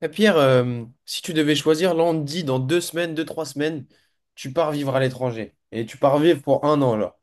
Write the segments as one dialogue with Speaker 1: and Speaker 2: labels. Speaker 1: Eh, Pierre, si tu devais choisir, là on te dit dans deux semaines, deux, trois semaines, tu pars vivre à l'étranger. Et tu pars vivre pour un an là.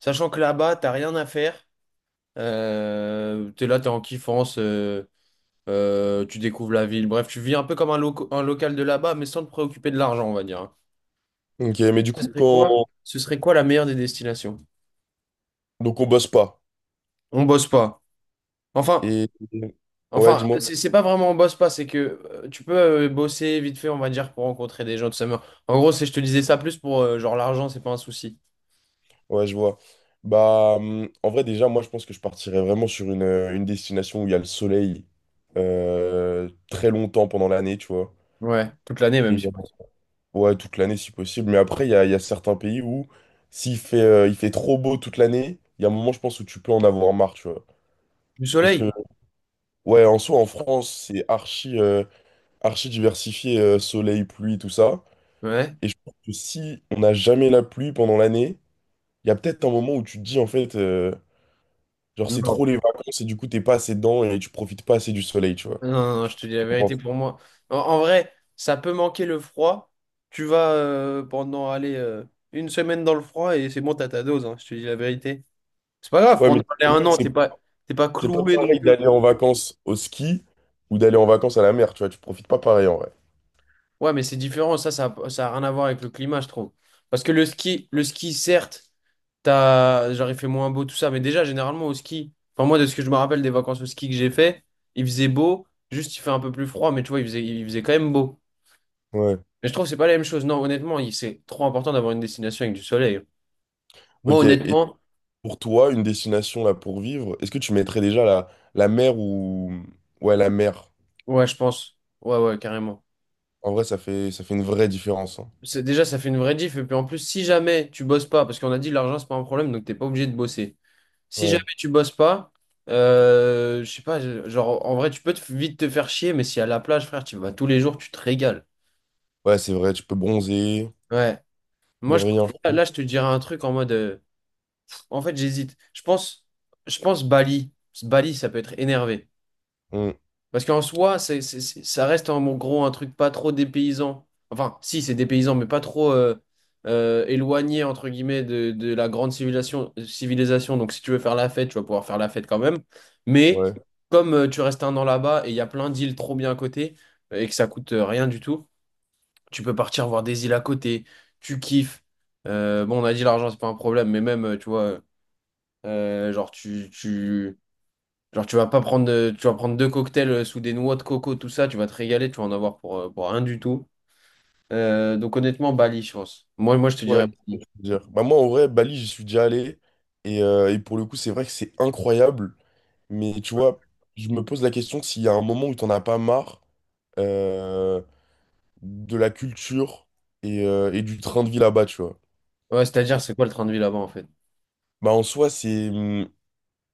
Speaker 1: Sachant que là-bas, t'as rien à faire. T'es là, t'es en kiffance, tu découvres la ville. Bref, tu vis un peu comme un, un local de là-bas, mais sans te préoccuper de l'argent, on va dire, hein.
Speaker 2: Ok, mais du
Speaker 1: Ce
Speaker 2: coup,
Speaker 1: serait quoi?
Speaker 2: quand...
Speaker 1: Ce serait quoi la meilleure des destinations?
Speaker 2: Donc on bosse pas.
Speaker 1: On bosse pas. Enfin,
Speaker 2: Et... Ouais,
Speaker 1: Enfin,
Speaker 2: dis-moi.
Speaker 1: c'est pas vraiment on bosse pas, c'est que tu peux bosser vite fait, on va dire, pour rencontrer des gens, tout ça. Mais en gros, c'est, je te disais ça plus pour genre l'argent, c'est pas un souci.
Speaker 2: Ouais, je vois. Bah, en vrai, déjà, moi, je pense que je partirais vraiment sur une destination où il y a le soleil très longtemps pendant l'année, tu vois.
Speaker 1: Ouais, toute l'année même,
Speaker 2: Et,
Speaker 1: si possible.
Speaker 2: ouais, toute l'année si possible. Mais après, il y a certains pays où s'il fait, il fait trop beau toute l'année, il y a un moment, je pense, où tu peux en avoir marre, tu vois.
Speaker 1: Du
Speaker 2: Parce que,
Speaker 1: soleil?
Speaker 2: ouais, en soi, en France, c'est archi, archi diversifié, soleil, pluie, tout ça.
Speaker 1: Ouais.
Speaker 2: Et je pense que si on n'a jamais la pluie pendant l'année, il y a peut-être un moment où tu te dis, en fait, genre, c'est
Speaker 1: Non.
Speaker 2: trop les vacances et du coup, t'es pas assez dedans et tu profites pas assez du soleil, tu vois.
Speaker 1: Non, non, non, je te dis la
Speaker 2: Je
Speaker 1: vérité
Speaker 2: pense.
Speaker 1: pour moi. En, en vrai, ça peut manquer le froid. Tu vas pendant, aller une semaine dans le froid et c'est bon, t'as ta dose, hein, je te dis la vérité. C'est pas grave,
Speaker 2: Ouais, mais
Speaker 1: pendant allez,
Speaker 2: c'est
Speaker 1: un
Speaker 2: vrai que
Speaker 1: an,
Speaker 2: c'est
Speaker 1: t'es pas
Speaker 2: c'est pas
Speaker 1: cloué non
Speaker 2: pareil
Speaker 1: plus.
Speaker 2: d'aller en vacances au ski ou d'aller en vacances à la mer, tu vois. Tu profites pas pareil, en vrai.
Speaker 1: Ouais, mais c'est différent, ça a rien à voir avec le climat, je trouve. Parce que le ski, certes, t'as, genre, il fait moins beau, tout ça, mais déjà, généralement, au ski, enfin, moi, de ce que je me rappelle des vacances au ski que j'ai fait, il faisait beau, juste, il fait un peu plus froid, mais tu vois, il faisait quand même beau.
Speaker 2: Ouais.
Speaker 1: Mais je trouve que c'est pas la même chose. Non, honnêtement, c'est trop important d'avoir une destination avec du soleil. Moi,
Speaker 2: Ok. Et
Speaker 1: honnêtement,
Speaker 2: pour toi, une destination là pour vivre, est-ce que tu mettrais déjà la mer ou... Ouais, la mer.
Speaker 1: ouais, je pense. Ouais, ouais, carrément.
Speaker 2: En vrai, ça fait une vraie différence, hein.
Speaker 1: C'est, déjà, ça fait une vraie diff, et puis en plus, si jamais tu bosses pas, parce qu'on a dit l'argent, c'est pas un problème, donc t'es pas obligé de bosser. Si
Speaker 2: Ouais.
Speaker 1: jamais tu bosses pas, je sais pas, genre en vrai tu peux vite te faire chier, mais si à la plage, frère, tu vas tous les jours, tu te régales.
Speaker 2: Ouais, c'est vrai, tu peux bronzer,
Speaker 1: Ouais.
Speaker 2: ne
Speaker 1: Moi je pense
Speaker 2: rien
Speaker 1: que là,
Speaker 2: faire.
Speaker 1: je te dirais un truc en mode en fait j'hésite. Je pense Bali. Bali, ça peut être énervé.
Speaker 2: Mm.
Speaker 1: Parce qu'en soi, ça reste en gros un truc pas trop dépaysant. Enfin, si, c'est dépaysant, mais pas trop éloigné, entre guillemets, de la grande civilisation. Donc, si tu veux faire la fête, tu vas pouvoir faire la fête quand même. Mais
Speaker 2: Ouais.
Speaker 1: comme tu restes un an là-bas et il y a plein d'îles trop bien à côté et que ça coûte rien du tout, tu peux partir voir des îles à côté, tu kiffes. Bon, on a dit l'argent, c'est pas un problème, mais même, tu vois, genre, genre, tu vas pas prendre, tu vas prendre deux cocktails sous des noix de coco, tout ça, tu vas te régaler, tu vas en avoir pour rien du tout. Donc, honnêtement, Bali, je pense. Moi, je te
Speaker 2: Ouais,
Speaker 1: dirais
Speaker 2: c'est
Speaker 1: Bali.
Speaker 2: ce que je veux dire. Bah, moi, en vrai, Bali, j'y suis déjà allé. Et pour le coup, c'est vrai que c'est incroyable. Mais tu vois, je me pose la question s'il y a un moment où t'en as pas marre euh, de la culture et du train de vie là-bas, tu vois.
Speaker 1: Ouais, c'est-à-dire, c'est quoi le train de vie là-bas, en fait?
Speaker 2: Bah, en soi,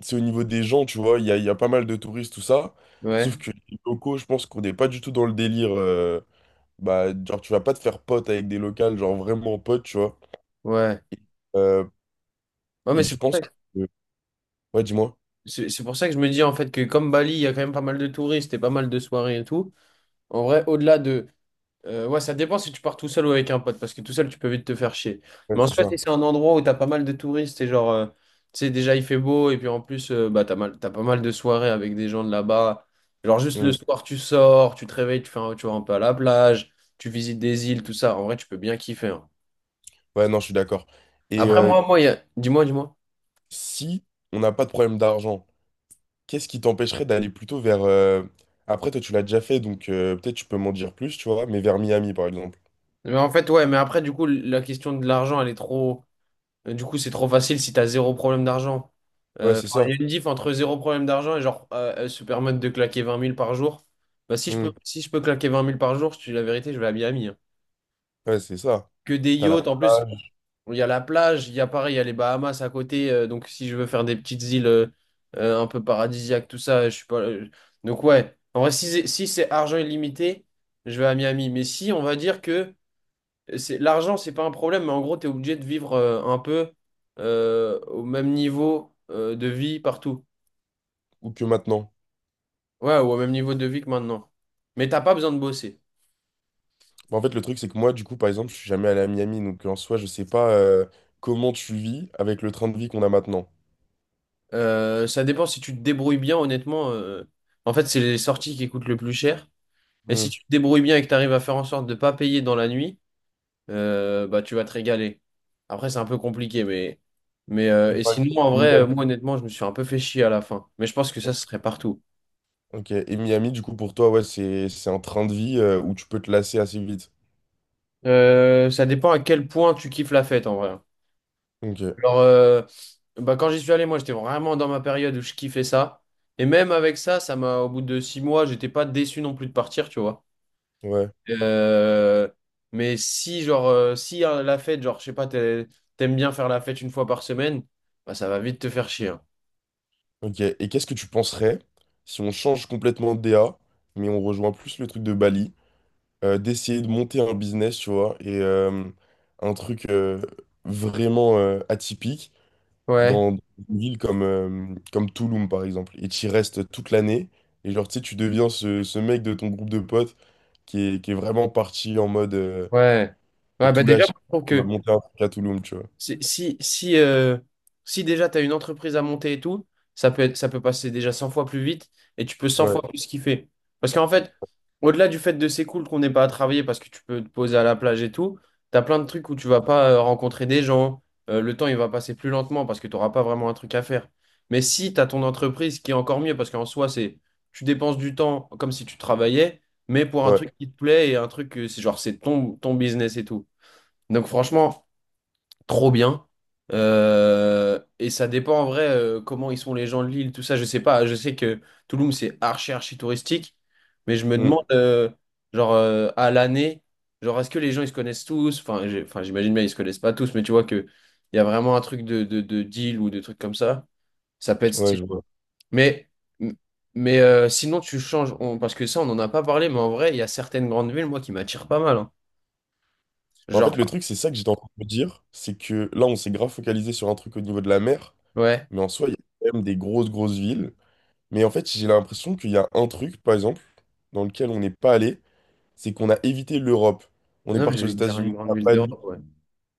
Speaker 2: c'est au niveau des gens, tu vois. Il y a pas mal de touristes, tout ça.
Speaker 1: Ouais,
Speaker 2: Sauf que les locaux, je pense qu'on n'est pas du tout dans le délire. Bah, genre, tu vas pas te faire pote avec des locales, genre vraiment pote, tu vois.
Speaker 1: ouais.
Speaker 2: Et, euh,
Speaker 1: Ouais, mais
Speaker 2: et je pense que... Ouais, dis-moi.
Speaker 1: c'est pour ça que je me dis, en fait, que comme Bali, il y a quand même pas mal de touristes et pas mal de soirées et tout. En vrai, au-delà de, ouais, ça dépend si tu pars tout seul ou avec un pote, parce que tout seul, tu peux vite te faire chier.
Speaker 2: Ouais,
Speaker 1: Mais en
Speaker 2: c'est
Speaker 1: soit, si
Speaker 2: ça.
Speaker 1: c'est un endroit où t'as pas mal de touristes, et genre, tu sais, déjà il fait beau, et puis en plus, bah, t'as pas mal de soirées avec des gens de là-bas. Genre, juste le
Speaker 2: Hmm.
Speaker 1: soir, tu sors, tu te réveilles, tu vas un peu à la plage, tu visites des îles, tout ça. En vrai, tu peux bien kiffer, hein.
Speaker 2: Ouais, non, je suis d'accord. Et
Speaker 1: Après, moi, il y a... dis-moi, dis-moi.
Speaker 2: si on n'a pas de problème d'argent, qu'est-ce qui t'empêcherait d'aller plutôt vers... Après, toi, tu l'as déjà fait, donc peut-être tu peux m'en dire plus, tu vois, mais vers Miami, par exemple.
Speaker 1: Mais en fait, ouais, mais après, du coup, la question de l'argent, elle est trop. Du coup, c'est trop facile si t'as zéro problème d'argent.
Speaker 2: Ouais, c'est
Speaker 1: Enfin, il
Speaker 2: ça.
Speaker 1: y a une diff entre zéro problème d'argent et genre se permettre de claquer vingt mille par jour. Bah,
Speaker 2: Hmm.
Speaker 1: si je peux claquer vingt mille par jour, je te dis la vérité, je vais à Miami, hein.
Speaker 2: Ouais, c'est ça.
Speaker 1: Que des
Speaker 2: T'as la
Speaker 1: yachts, en plus,
Speaker 2: plage,
Speaker 1: il y a la plage, il y a pareil, il y a les Bahamas à côté. Donc si je veux faire des petites îles un peu paradisiaques, tout ça, je suis pas. Donc ouais, en vrai, si, si c'est argent illimité, je vais à Miami. Mais si on va dire que c'est l'argent, c'est pas un problème, mais en gros, tu es obligé de vivre un peu au même niveau de vie partout.
Speaker 2: ou que maintenant.
Speaker 1: Ouais, ou au même niveau de vie que maintenant. Mais t'as pas besoin de bosser.
Speaker 2: Bah, en fait, le truc, c'est que moi, du coup, par exemple, je suis jamais allé à Miami, donc en soi, je sais pas comment tu vis avec le train de vie qu'on a maintenant.
Speaker 1: Ça dépend si tu te débrouilles bien, honnêtement. En fait, c'est les sorties qui coûtent le plus cher. Et si
Speaker 2: Hmm.
Speaker 1: tu te débrouilles bien et que tu arrives à faire en sorte de pas payer dans la nuit, bah tu vas te régaler. Après, c'est un peu compliqué, mais. Mais
Speaker 2: Et
Speaker 1: et
Speaker 2: par exemple,
Speaker 1: sinon, en vrai,
Speaker 2: Miami.
Speaker 1: moi honnêtement, je me suis un peu fait chier à la fin. Mais je pense que ça, ce serait partout.
Speaker 2: Ok, et Miami, du coup, pour toi, ouais, c'est un train de vie où tu peux te lasser assez vite.
Speaker 1: Ça dépend à quel point tu kiffes la fête en vrai.
Speaker 2: Ok,
Speaker 1: Genre, bah, quand j'y suis allé, moi j'étais vraiment dans ma période où je kiffais ça. Et même avec ça, ça m'a, au bout de six mois, j'étais pas déçu non plus de partir, tu vois.
Speaker 2: ouais.
Speaker 1: Euh, mais si, genre, si la fête, genre, je sais pas, t'aimes bien faire la fête une fois par semaine, bah, ça va vite te faire chier, hein.
Speaker 2: Ok, et qu'est-ce que tu penserais si on change complètement de DA, mais on rejoint plus le truc de Bali, d'essayer de monter un business, tu vois, et un truc vraiment atypique
Speaker 1: Ouais,
Speaker 2: dans une ville comme, comme Tulum, par exemple, et tu y restes toute l'année, et genre, tu sais, tu deviens ce mec de ton groupe de potes qui est vraiment parti en mode
Speaker 1: ouais.
Speaker 2: à
Speaker 1: Ouais, bah
Speaker 2: tout
Speaker 1: déjà,
Speaker 2: lâcher
Speaker 1: je trouve
Speaker 2: pour
Speaker 1: que
Speaker 2: monter un truc à Tulum, tu vois.
Speaker 1: Si, si, si déjà tu as une entreprise à monter et tout, ça peut passer déjà 100 fois plus vite et tu peux cent
Speaker 2: Ouais,
Speaker 1: fois plus kiffer. Parce qu'en fait, au-delà du fait de c'est cool qu'on n'ait pas à travailler parce que tu peux te poser à la plage et tout, tu as plein de trucs où tu vas pas rencontrer des gens, le temps il va passer plus lentement parce que tu n'auras pas vraiment un truc à faire. Mais si tu as ton entreprise ce qui est encore mieux parce qu'en soi, c'est tu dépenses du temps comme si tu travaillais, mais pour un
Speaker 2: ouais,
Speaker 1: truc qui te plaît et un truc que c'est genre c'est ton business et tout. Donc franchement trop bien. Et ça dépend en vrai comment ils sont les gens de l'île, tout ça, je sais pas. Je sais que Toulouse c'est archi touristique, mais je me
Speaker 2: Hmm.
Speaker 1: demande genre à l'année, genre est-ce que les gens ils se connaissent tous? Enfin j'imagine bien ils se connaissent pas tous, mais tu vois que il y a vraiment un truc de deal ou de trucs comme ça. Ça peut être
Speaker 2: Ouais,
Speaker 1: stylé.
Speaker 2: je vois.
Speaker 1: Mais, mais sinon, tu changes. Parce que ça, on n'en a pas parlé, mais en vrai, il y a certaines grandes villes, moi, qui m'attirent pas mal, hein.
Speaker 2: Bah, en fait,
Speaker 1: Genre,
Speaker 2: le truc, c'est ça que j'étais en train de me dire, c'est que là, on s'est grave focalisé sur un truc au niveau de la mer,
Speaker 1: ouais.
Speaker 2: mais en soi, il y a quand même des grosses, grosses villes. Mais en fait, j'ai l'impression qu'il y a un truc, par exemple, dans lequel on n'est pas allé, c'est qu'on a évité l'Europe. On est
Speaker 1: Non, mais
Speaker 2: parti aux
Speaker 1: j'allais dire une
Speaker 2: États-Unis,
Speaker 1: grande
Speaker 2: à
Speaker 1: ville
Speaker 2: Bali,
Speaker 1: d'Europe, ouais.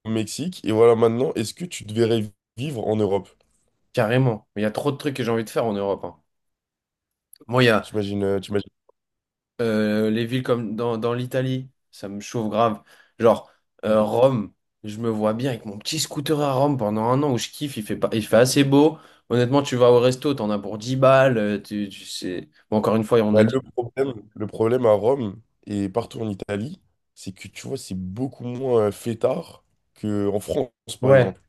Speaker 2: au Mexique, et voilà, maintenant, est-ce que tu te verrais vivre en Europe?
Speaker 1: Carrément. Mais il y a trop de trucs que j'ai envie de faire en Europe, hein. Moi, il y a
Speaker 2: T'imagines, t'imagines...
Speaker 1: les villes comme dans l'Italie, ça me chauffe grave. Genre,
Speaker 2: Ok.
Speaker 1: Rome, je me vois bien avec mon petit scooter à Rome pendant un an où je kiffe, il fait pas, il fait assez beau. Honnêtement, tu vas au resto, t'en as pour 10 balles. Tu sais... Bon, encore une fois, on a
Speaker 2: Bah,
Speaker 1: dit.
Speaker 2: le problème à Rome et partout en Italie, c'est que tu vois, c'est beaucoup moins fêtard qu'en France, par
Speaker 1: Ouais.
Speaker 2: exemple.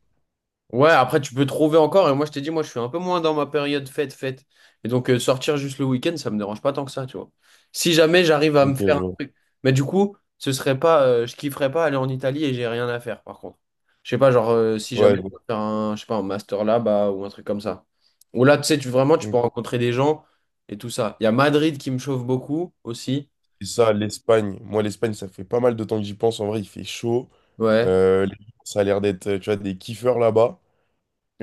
Speaker 1: Ouais, après tu peux trouver encore, et moi je t'ai dit, moi je suis un peu moins dans ma période fête. Et donc sortir juste le week-end, ça me dérange pas tant que ça, tu vois. Si jamais j'arrive à me
Speaker 2: Ok,
Speaker 1: faire
Speaker 2: je
Speaker 1: un
Speaker 2: vois.
Speaker 1: truc. Mais du coup, ce serait pas, je kifferais pas aller en Italie et j'ai rien à faire, par contre. Je sais pas, genre si jamais
Speaker 2: Ouais,
Speaker 1: je
Speaker 2: je
Speaker 1: peux faire un, je sais pas, un master là-bas ou un truc comme ça. Ou là, tu sais, tu vraiment tu peux
Speaker 2: vois.
Speaker 1: rencontrer des gens et tout ça. Il y a Madrid qui me chauffe beaucoup aussi.
Speaker 2: Et ça, l'Espagne. Moi, l'Espagne, ça fait pas mal de temps que j'y pense. En vrai, il fait chaud.
Speaker 1: Ouais.
Speaker 2: Les- ça a l'air d'être, tu vois, des kiffeurs là-bas.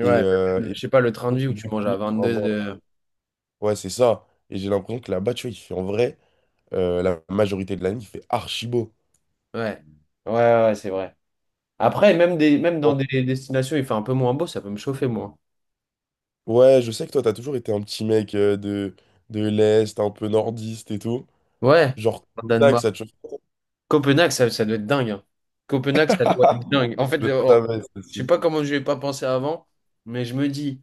Speaker 2: Et-
Speaker 1: Je sais pas, le train de vie où tu manges à
Speaker 2: pour
Speaker 1: 22
Speaker 2: avoir-
Speaker 1: heures.
Speaker 2: Ouais, c'est ça. Et j'ai l'impression que là-bas, tu vois, il fait en vrai, la majorité de l'année, il fait archi beau.
Speaker 1: Ouais. Ouais, ouais, ouais, c'est vrai. Après, même, même dans
Speaker 2: Bon.
Speaker 1: des destinations, il fait un peu moins beau, ça peut me chauffer, moi.
Speaker 2: Ouais, je sais que toi, t'as toujours été un petit mec de l'Est, un peu nordiste et tout.
Speaker 1: Ouais,
Speaker 2: Genre,
Speaker 1: en
Speaker 2: tac,
Speaker 1: Danemark.
Speaker 2: ça te chauffe.
Speaker 1: Copenhague, ça doit être dingue, hein. Copenhague, ça doit être dingue. En fait,
Speaker 2: Je
Speaker 1: je oh,
Speaker 2: savais,
Speaker 1: je sais
Speaker 2: ceci.
Speaker 1: pas comment je n'ai pas pensé avant, mais je me dis,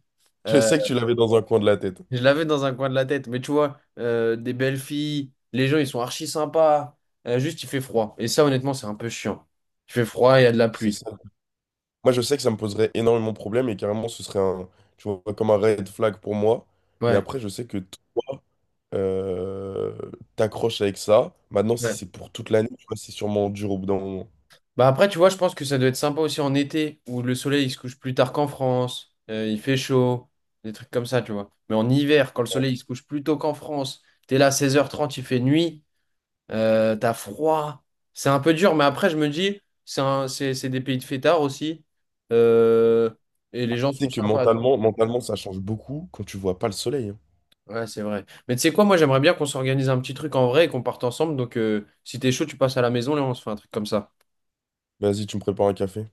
Speaker 2: Je
Speaker 1: euh,
Speaker 2: sais que tu l'avais dans un coin de la tête.
Speaker 1: je l'avais dans un coin de la tête, mais tu vois, des belles filles, les gens, ils sont archi sympas. Juste, il fait froid. Et ça, honnêtement, c'est un peu chiant. Il fait froid, il y a de la
Speaker 2: C'est
Speaker 1: pluie.
Speaker 2: ça. Moi, je sais que ça me poserait énormément de problèmes et carrément, ce serait un, tu vois, comme un red flag pour moi. Mais
Speaker 1: Ouais.
Speaker 2: après, je sais que toi, euh, t'accroches avec ça. Maintenant, si
Speaker 1: Ouais.
Speaker 2: c'est pour toute l'année, tu vois, c'est sûrement dur au bout d'un moment.
Speaker 1: Bah après, tu vois, je pense que ça doit être sympa aussi en été, où le soleil il se couche plus tard qu'en France, il fait chaud, des trucs comme ça, tu vois. Mais en hiver, quand le soleil il se couche plus tôt qu'en France, t'es là 16h30, il fait nuit, t'as froid. C'est un peu dur, mais après, je me dis, c'est des pays de fêtards aussi, euh, et les gens
Speaker 2: Tu
Speaker 1: sont
Speaker 2: sais que
Speaker 1: sympas. Donc-
Speaker 2: mentalement, ça change beaucoup quand tu vois pas le soleil, hein.
Speaker 1: ouais, c'est vrai. Mais tu sais quoi, moi, j'aimerais bien qu'on s'organise un petit truc en vrai et qu'on parte ensemble. Donc, si t'es chaud, tu passes à la maison, là, on se fait un truc comme ça.
Speaker 2: Vas-y, tu me prépares un café.